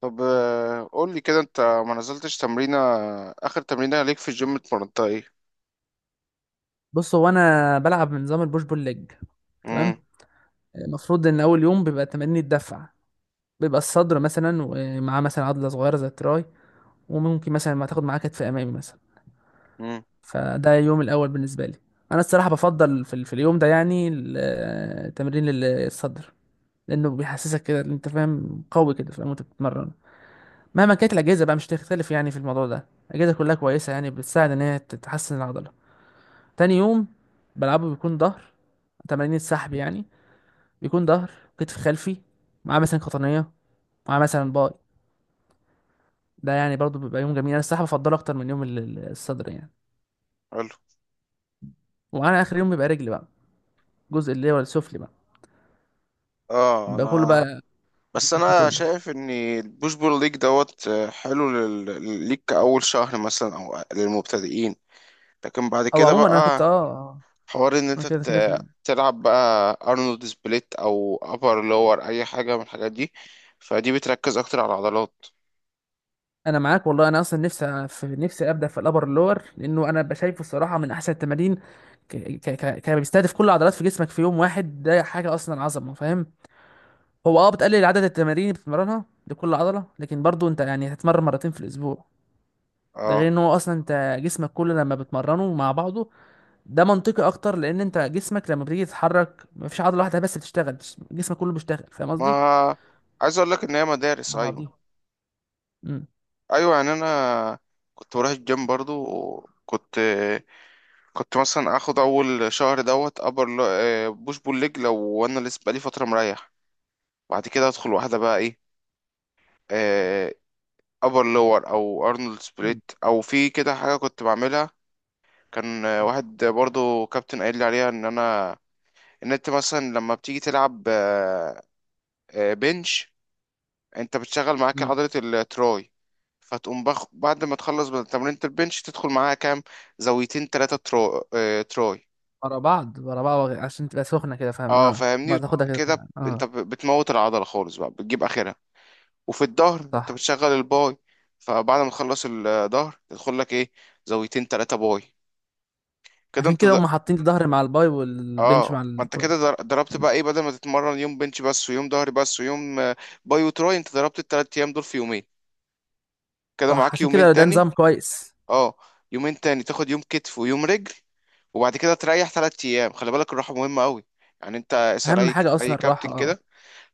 طب قول لي كده، انت ما نزلتش تمرينة. اخر تمرينة ليك في الجيم اتمرنتها ايه؟ بص، هو انا بلعب بنظام البوش بول ليج. تمام. امم. المفروض ان اول يوم بيبقى تمارين الدفع، بيبقى الصدر مثلا ومعاه مثلا عضله صغيره زي التراي، وممكن مثلا ما تاخد معاه كتف امامي مثلا. امم. فده اليوم الاول بالنسبه لي. انا الصراحه بفضل في اليوم ده، يعني تمرين الصدر، لانه بيحسسك كده إن انت فاهم قوي، كده فاهم وانت بتتمرن. مهما كانت الاجهزه بقى مش تختلف، يعني في الموضوع ده الاجهزه كلها كويسه، يعني بتساعد ان هي تحسن العضله. تاني يوم بلعبه بيكون ظهر، تمارين السحب يعني، بيكون ظهر، كتف خلفي، مع مثلا قطنية، مع مثلا باي. ده يعني برضو بيبقى يوم جميل، انا الصراحة بفضله اكتر من يوم الصدر يعني. حلو. وعلى اخر يوم بيبقى رجل بقى، الجزء اللي هو السفلي بقى، اه، بيبقى كله انا بقى. بس في انا كله. شايف ان البوش بول ليج دوت آه، حلو ليك كأول شهر مثلا او للمبتدئين، لكن بعد او كده عموما انا كنت بقى حوار ان انا انت كده كده فاهم. تلعب بقى ارنولد سبليت او ابر لور اي حاجة من الحاجات دي، فدي بتركز اكتر على العضلات. انا معاك والله، انا اصلا نفسي في نفسي ابدا في الابر اللور، لانه انا بشايفه الصراحه من احسن التمارين. بيستهدف كل العضلات في جسمك في يوم واحد، ده حاجه اصلا عظمه فاهم. هو اه بتقلل عدد التمارين اللي بتتمرنها لكل عضله، لكن برضو انت يعني هتتمرن مرتين في الاسبوع. ده اه غير ان هو اصلا انت جسمك كله لما بتمرنه مع بعضه، ده منطقي اكتر، لان انت جسمك لما بتيجي تتحرك مفيش عضله واحده بس بتشتغل، جسمك كله بيشتغل فاهم قصدي. ما عايز اقول لك ان هي مدارس، مع ايوه. بعضيهم. امم. ايوه يعني انا كنت بروح الجيم برضو، وكنت مثلا اخد اول شهر ابر بوش بول ليج. لو انا لسه بقالي فتره مريح، بعد كده ادخل واحده بقى ايه، ابر لور او ارنولد امم. سبليت او في كده حاجه كنت بعملها. كان واحد برضو كابتن قايل لي عليها ان انت مثلا لما بتيجي تلعب بنش انت بتشغل معاك أمم. عضلة التراي، فتقوم بعد ما تخلص من تمرينة البنش تدخل معاها كام زاويتين تلاتة تراي. ورا بعض ورا بعض عشان تبقى سخنه كده فاهم، اه اه ما فاهمني. تاخدها اه كده كده ب- فاهم. اه. انت بتموت العضلة خالص بقى، بتجيب اخرها. وفي الظهر انت صح، بتشغل الباي، فبعد ما تخلص الظهر تدخل لك ايه، زاويتين تلاتة باي. كده عشان انت كده د... هم حاطين الظهر مع الباي والبنش اه مع ما ال... انت آه. كده ضربت بقى ايه، بدل ما تتمرن يوم بنش بس ويوم ظهر بس ويوم باي وتراي انت ضربت الـ3 ايام دول في يومين. كده صح، معاك عشان يومين كده ده تاني. نظام كويس. اه. يومين تاني تاخد يوم كتف ويوم رجل، وبعد كده تريح 3 ايام. خلي بالك، الراحه مهمه قوي، يعني انت اسال اهم اي حاجه اصلا اي كابتن الراحه اه. كده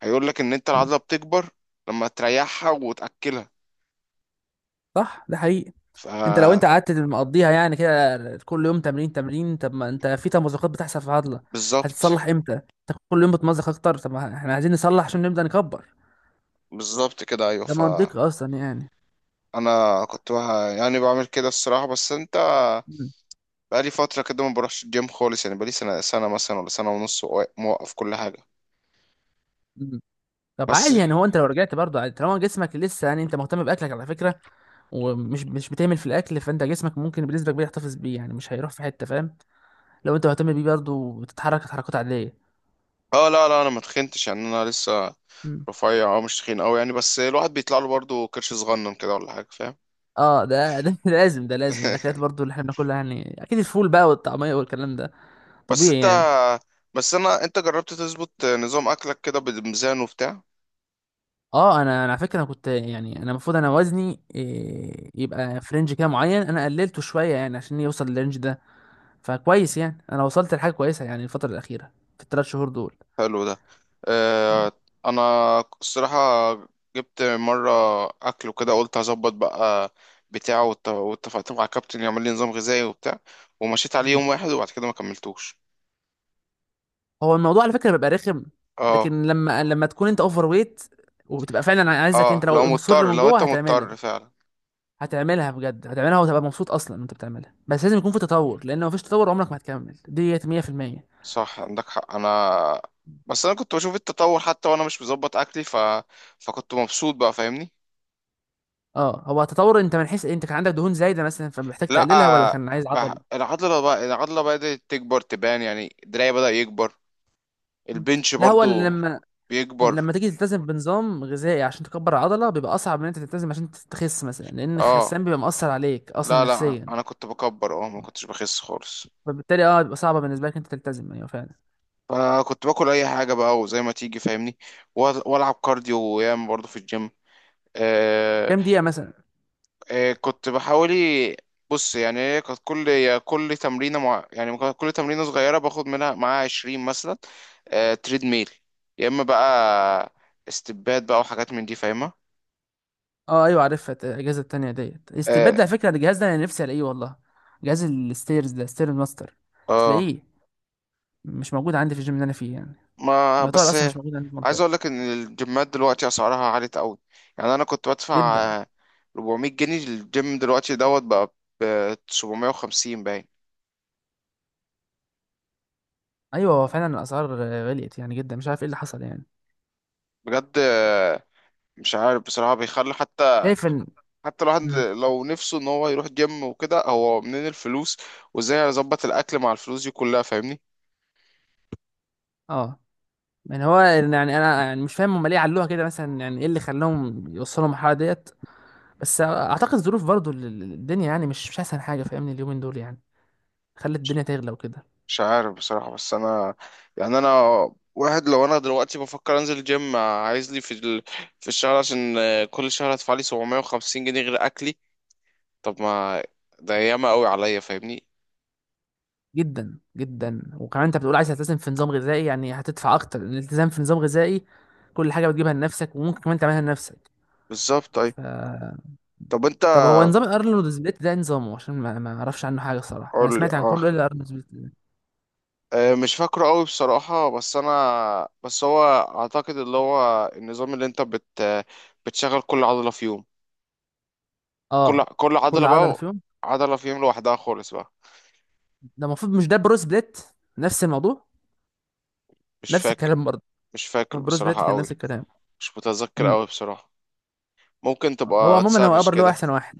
هيقول لك ان انت مم. العضله بتكبر لما تريحها وتاكلها. صح، ده حقيقي. ف انت لو انت قعدت مقضيها يعني كده، كل يوم تمرين تمرين، طب ما انت في تمزقات بتحصل في العضله، بالظبط. هتتصلح امتى؟ انت كل يوم بتمزق اكتر، طب ما احنا عايزين نصلح عشان نبدا نكبر. بالظبط كده، ايوه. ده ف منطقي اصلا يعني. انا كنت بها يعني بعمل كده الصراحه، بس انت مم. بقالي فتره كده ما بروحش الجيم خالص، يعني بقالي سنه مثلا ولا سنه ونص، موقف كل حاجه. مم. طب بس. عادي يعني، هو انت لو رجعت برضه عادي طالما جسمك لسه، يعني انت مهتم باكلك على فكره ومش مش بتعمل في الاكل، فانت جسمك ممكن بنسبه كبيره يحتفظ بيه، يعني مش هيروح في حته فاهم، لو انت مهتم بيه برضه وتتحرك تحركات عاديه. اه لا لا، انا ما تخنتش يعني، انا لسه مم. رفيع اه، مش تخين قوي يعني، بس الواحد بيطلع له برضه كرش صغنن كده ولا حاجه فاهم. اه ده لازم، ده لازم الاكلات برضه اللي احنا بناكلها، يعني اكيد الفول بقى والطعميه والكلام ده بس طبيعي انت، يعني. بس انا انت جربت تظبط نظام اكلك كده بميزان وبتاع؟ اه انا على فكره، انا كنت يعني انا المفروض، انا وزني إيه، يبقى في رينج كده معين، انا قللته شويه يعني عشان يوصل للرينج ده، فكويس يعني انا وصلت لحاجه كويسه يعني الفتره الاخيره في ال 3 شهور دول. حلو ده. مم. اه انا الصراحه جبت مره اكل وكده، قلت هظبط بقى بتاعه، واتفقت مع كابتن يعمل لي نظام غذائي وبتاع، ومشيت عليه مم. يوم واحد وبعد كده ما كملتوش. هو الموضوع على فكره بيبقى رخم، اه. لكن لما تكون انت اوفر ويت وبتبقى فعلا عايزك، اه انت لو لو مصر مضطر، من لو جوه انت هتعملها، مضطر فعلا. هتعملها بجد، هتعملها وتبقى مبسوط اصلا وانت بتعملها، بس لازم يكون في تطور، لان لو مفيش تطور عمرك ما هتكمل ديت 100%. صح، عندك حق، انا بس انا كنت بشوف التطور حتى وانا مش مظبط اكلي، فكنت مبسوط بقى فاهمني. اه، هو تطور انت من حيث انت كان عندك دهون زايده مثلا فمحتاج تقللها، ولا لا كان عايز عضل؟ بقى العضله، بقى العضله بدات تكبر تبان، يعني دراعي بدأ يكبر، البنش لا، هو برضو بيكبر. لما تيجي تلتزم بنظام غذائي عشان تكبر العضله بيبقى اصعب من انت تلتزم عشان تخس مثلا، لان اه الخسان بيبقى مأثر عليك اصلا لا لا، نفسيا. انا كنت بكبر اه، ما كنتش بخس خالص، فبالتالي اه بيبقى صعبه بالنسبه لك انت تلتزم ايوه فعلا. فكنت باكل اي حاجه بقى وزي ما تيجي فاهمني. والعب كارديو وياما برضو في الجيم. كام دقيقه مثلا؟ كنت بحاولي. بص، يعني هي كانت كل يا كل تمرينة مع، يعني كانت كل تمرينة صغيرة باخد منها معاها 20 مثلا، تريد ميل، يا اما بقى استبات بقى وحاجات من دي فاهمة. اه ايوه عارفها، الاجهزه التانيه ديت اه. استبدل على فكره الجهاز ده انا نفسي الاقيه والله، جهاز الستيرز ده، ستير ماستر، مش آه. لاقيه. مش موجود عندي في الجيم اللي انا فيه يعني، ما يعتبر بس اصلا مش موجود عندي في عايز المنطقه. اقول لك ان الجيمات دلوقتي اسعارها عالية قوي. يعني انا كنت بدفع جدا. آه، 400 جنيه الجيم، دلوقتي بقى ب 750 باين. ايوه، هو فعلا الاسعار غليت يعني جدا، مش عارف ايه اللي حصل يعني. بجد مش عارف بصراحة. بيخلي حتى، شايف ان، حتى الواحد امم، لو نفسه ان هو يروح جيم وكده، هو منين الفلوس وازاي اظبط الاكل مع الفلوس دي كلها فاهمني؟ اه، يعني هو يعني انا يعني مش فاهم هم ليه علوها كده مثلا، يعني ايه اللي خلاهم يوصلوا المرحله ديت. بس اعتقد الظروف برضو الدنيا يعني مش احسن حاجه فاهمني اليومين دول يعني، خلت الدنيا تغلى وكده. مش عارف بصراحة، بس انا يعني انا، واحد لو انا دلوقتي بفكر انزل جيم عايز لي في في الشهر عشان كل شهر هدفع لي 750 جنيه غير اكلي. طب ما ده ياما قوي عليا فاهمني. جدا جدا، وكمان انت بتقول عايز تلتزم في نظام غذائي، يعني هتدفع اكتر، الالتزام في نظام غذائي كل حاجه بتجيبها لنفسك وممكن كمان تعملها لنفسك. بالظبط. طيب ف، طب انت طب هو نظام الارنولد سبليت ده إيه نظامه؟ عشان ما اعرفش عنه حاجه الصراحه، انا قول لي، سمعت عن اه. كله الا الارنولد سبليت. مش فاكره قوي بصراحة، بس انا بس هو اعتقد اللي هو النظام اللي انت بت بتشغل كل عضلة في يوم. كل اه، كل عضلة كل عضله بقى، فيهم، عضلة فيهم لوحدها خالص بقى. ده المفروض مش ده بروس بليت؟ نفس الموضوع، مش نفس فاكر. الكلام برضه. مش هو فاكر بروس بليت بصراحة كان قوي. نفس الكلام. مش متذكر امم. قوي بصراحة. ممكن هو تبقى عموما هو تسرش ابر له كده. احسن واحد.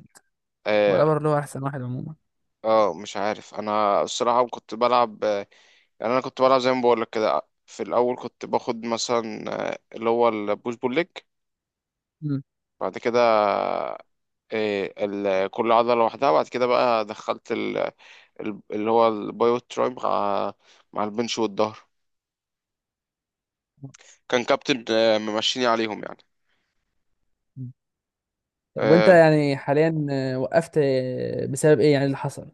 هو اه. الابر له احسن واحد عموما. مش عارف انا الصراحة كنت بلعب يعني انا كنت بلعب زي ما بقولك كده. في الاول كنت باخد مثلا اللي هو البوش بول ليج، امم. بعد كده كل عضلة لوحدها، بعد كده بقى دخلت اللي هو البايو تراي مع، مع البنش والظهر. كان كابتن ممشيني عليهم يعني. طب وانت آه، يعني حاليا وقفت بسبب ايه يعني اللي حصل؟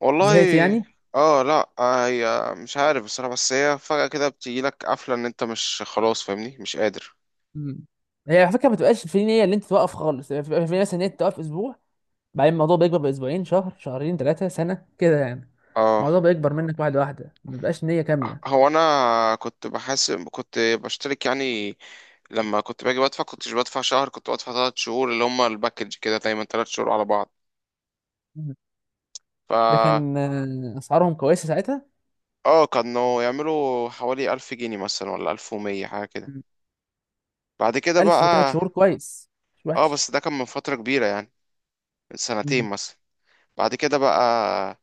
والله. زهقت يعني؟ اه لا هي مش عارف بصراحة، بس هي فجأة كده بتجيلك قفلة ان انت مش خلاص فاهمني، مش قادر. امم. هي على فكره ما بتبقاش في نيه ان انت توقف خالص، يعني بتبقى في نيه مثلا ان انت توقف اسبوع، بعدين الموضوع بيكبر باسبوعين، شهر، شهرين، ثلاثه، سنه كده يعني، اه. الموضوع بيكبر منك واحده واحده، ما بيبقاش نيه كامله. هو انا كنت بحاسب، كنت بشترك يعني، لما كنت باجي بدفع كنتش بدفع شهر، كنت بدفع 3 شهور اللي هما الباكج كده دايما 3 شهور على بعض. ف ده كان اسعارهم كويسه ساعتها. اه كانوا يعملوا حوالي 1000 جنيه مثلا، ولا 1100 حاجة كده. مم. بعد كده 1000 وثلاث بقى، شهور، كويس، مش اه وحش. بس ده كان من فترة كبيرة يعني، من سنتين مم. مثلا. بعد كده بقى،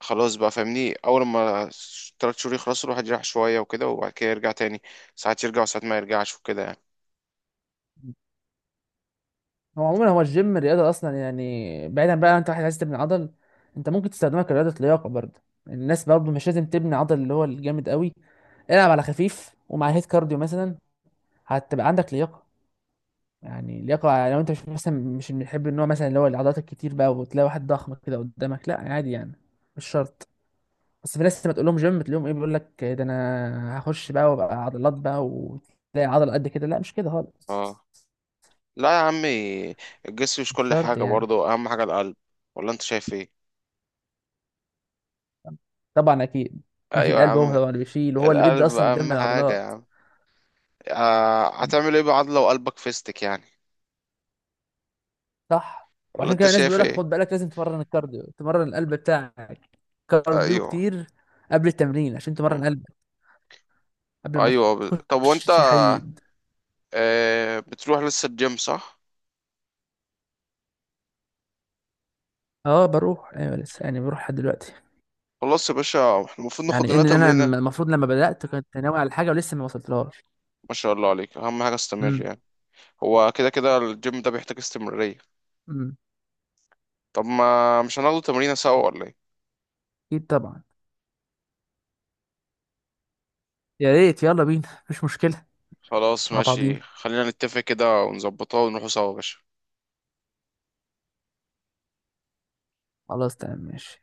خلاص بقى فاهمني، اول ما 3 شهور يخلصوا الواحد يريح شويه وكده، وبعد كده يرجع تاني، ساعات يرجع وساعات ما يرجعش وكده يعني. هو عموما هو الجيم الرياضه اصلا يعني، بعيدا بقى انت واحد عايز تبني عضل، انت ممكن تستخدمها كرياضه لياقه برضه. الناس برضه مش لازم تبني عضل اللي هو الجامد قوي، العب على خفيف ومع هيت كارديو مثلا، هتبقى عندك لياقه. يعني لياقه، لو انت مش مثلا مش بنحب النوع مثلا اللي هو العضلات الكتير بقى، وتلاقي واحد ضخم كده قدامك، لا عادي يعني، مش شرط. بس في ناس لما تقول لهم جيم تلاقيهم ايه بيقول لك ده انا هخش بقى وابقى عضلات بقى، وتلاقي عضله قد كده، لا مش كده خالص، اه لا يا عمي، الجسم مش مش كل شرط حاجه يعني. برضه، اهم حاجه القلب، ولا انت شايف ايه؟ طبعا اكيد. ايوه يا القلب هو عم. اللي بيشيل وهو اللي بيدي القلب اصلا الدم اهم حاجه يا للعضلات. عم. آه، م. هتعمل ايه بعد لو قلبك فيستك يعني؟ صح، ولا وعشان انت كده الناس شايف بيقول لك ايه؟ خد بالك لازم تمرن الكارديو، تمرن القلب بتاعك. كارديو ايوه. كتير قبل التمرين عشان م. تمرن قلبك، قبل ما ايوه طب تخش وانت تشيل حديد. آه بتروح لسه الجيم صح؟ اه بروح ايوه لسه، يعني بروح لحد دلوقتي. خلاص يا باشا، احنا المفروض ناخد يعني لنا انا تمرينه. المفروض لما بدات كنت ناوي على حاجه ولسه ما وصلتلهاش. ما شاء الله عليك، اهم حاجه استمر يعني. هو كده كده الجيم ده بيحتاج استمرارية. امم. طب ما مش هناخده تمرينة سوا ولا ايه؟ اكيد طبعا. يا ريت، يلا بينا مفيش مشكلة. خلاص مع ماشي، بعضينا. خلينا نتفق كده ونظبطها ونروحوا سوا يا باشا. خلاص، تمام، ماشي.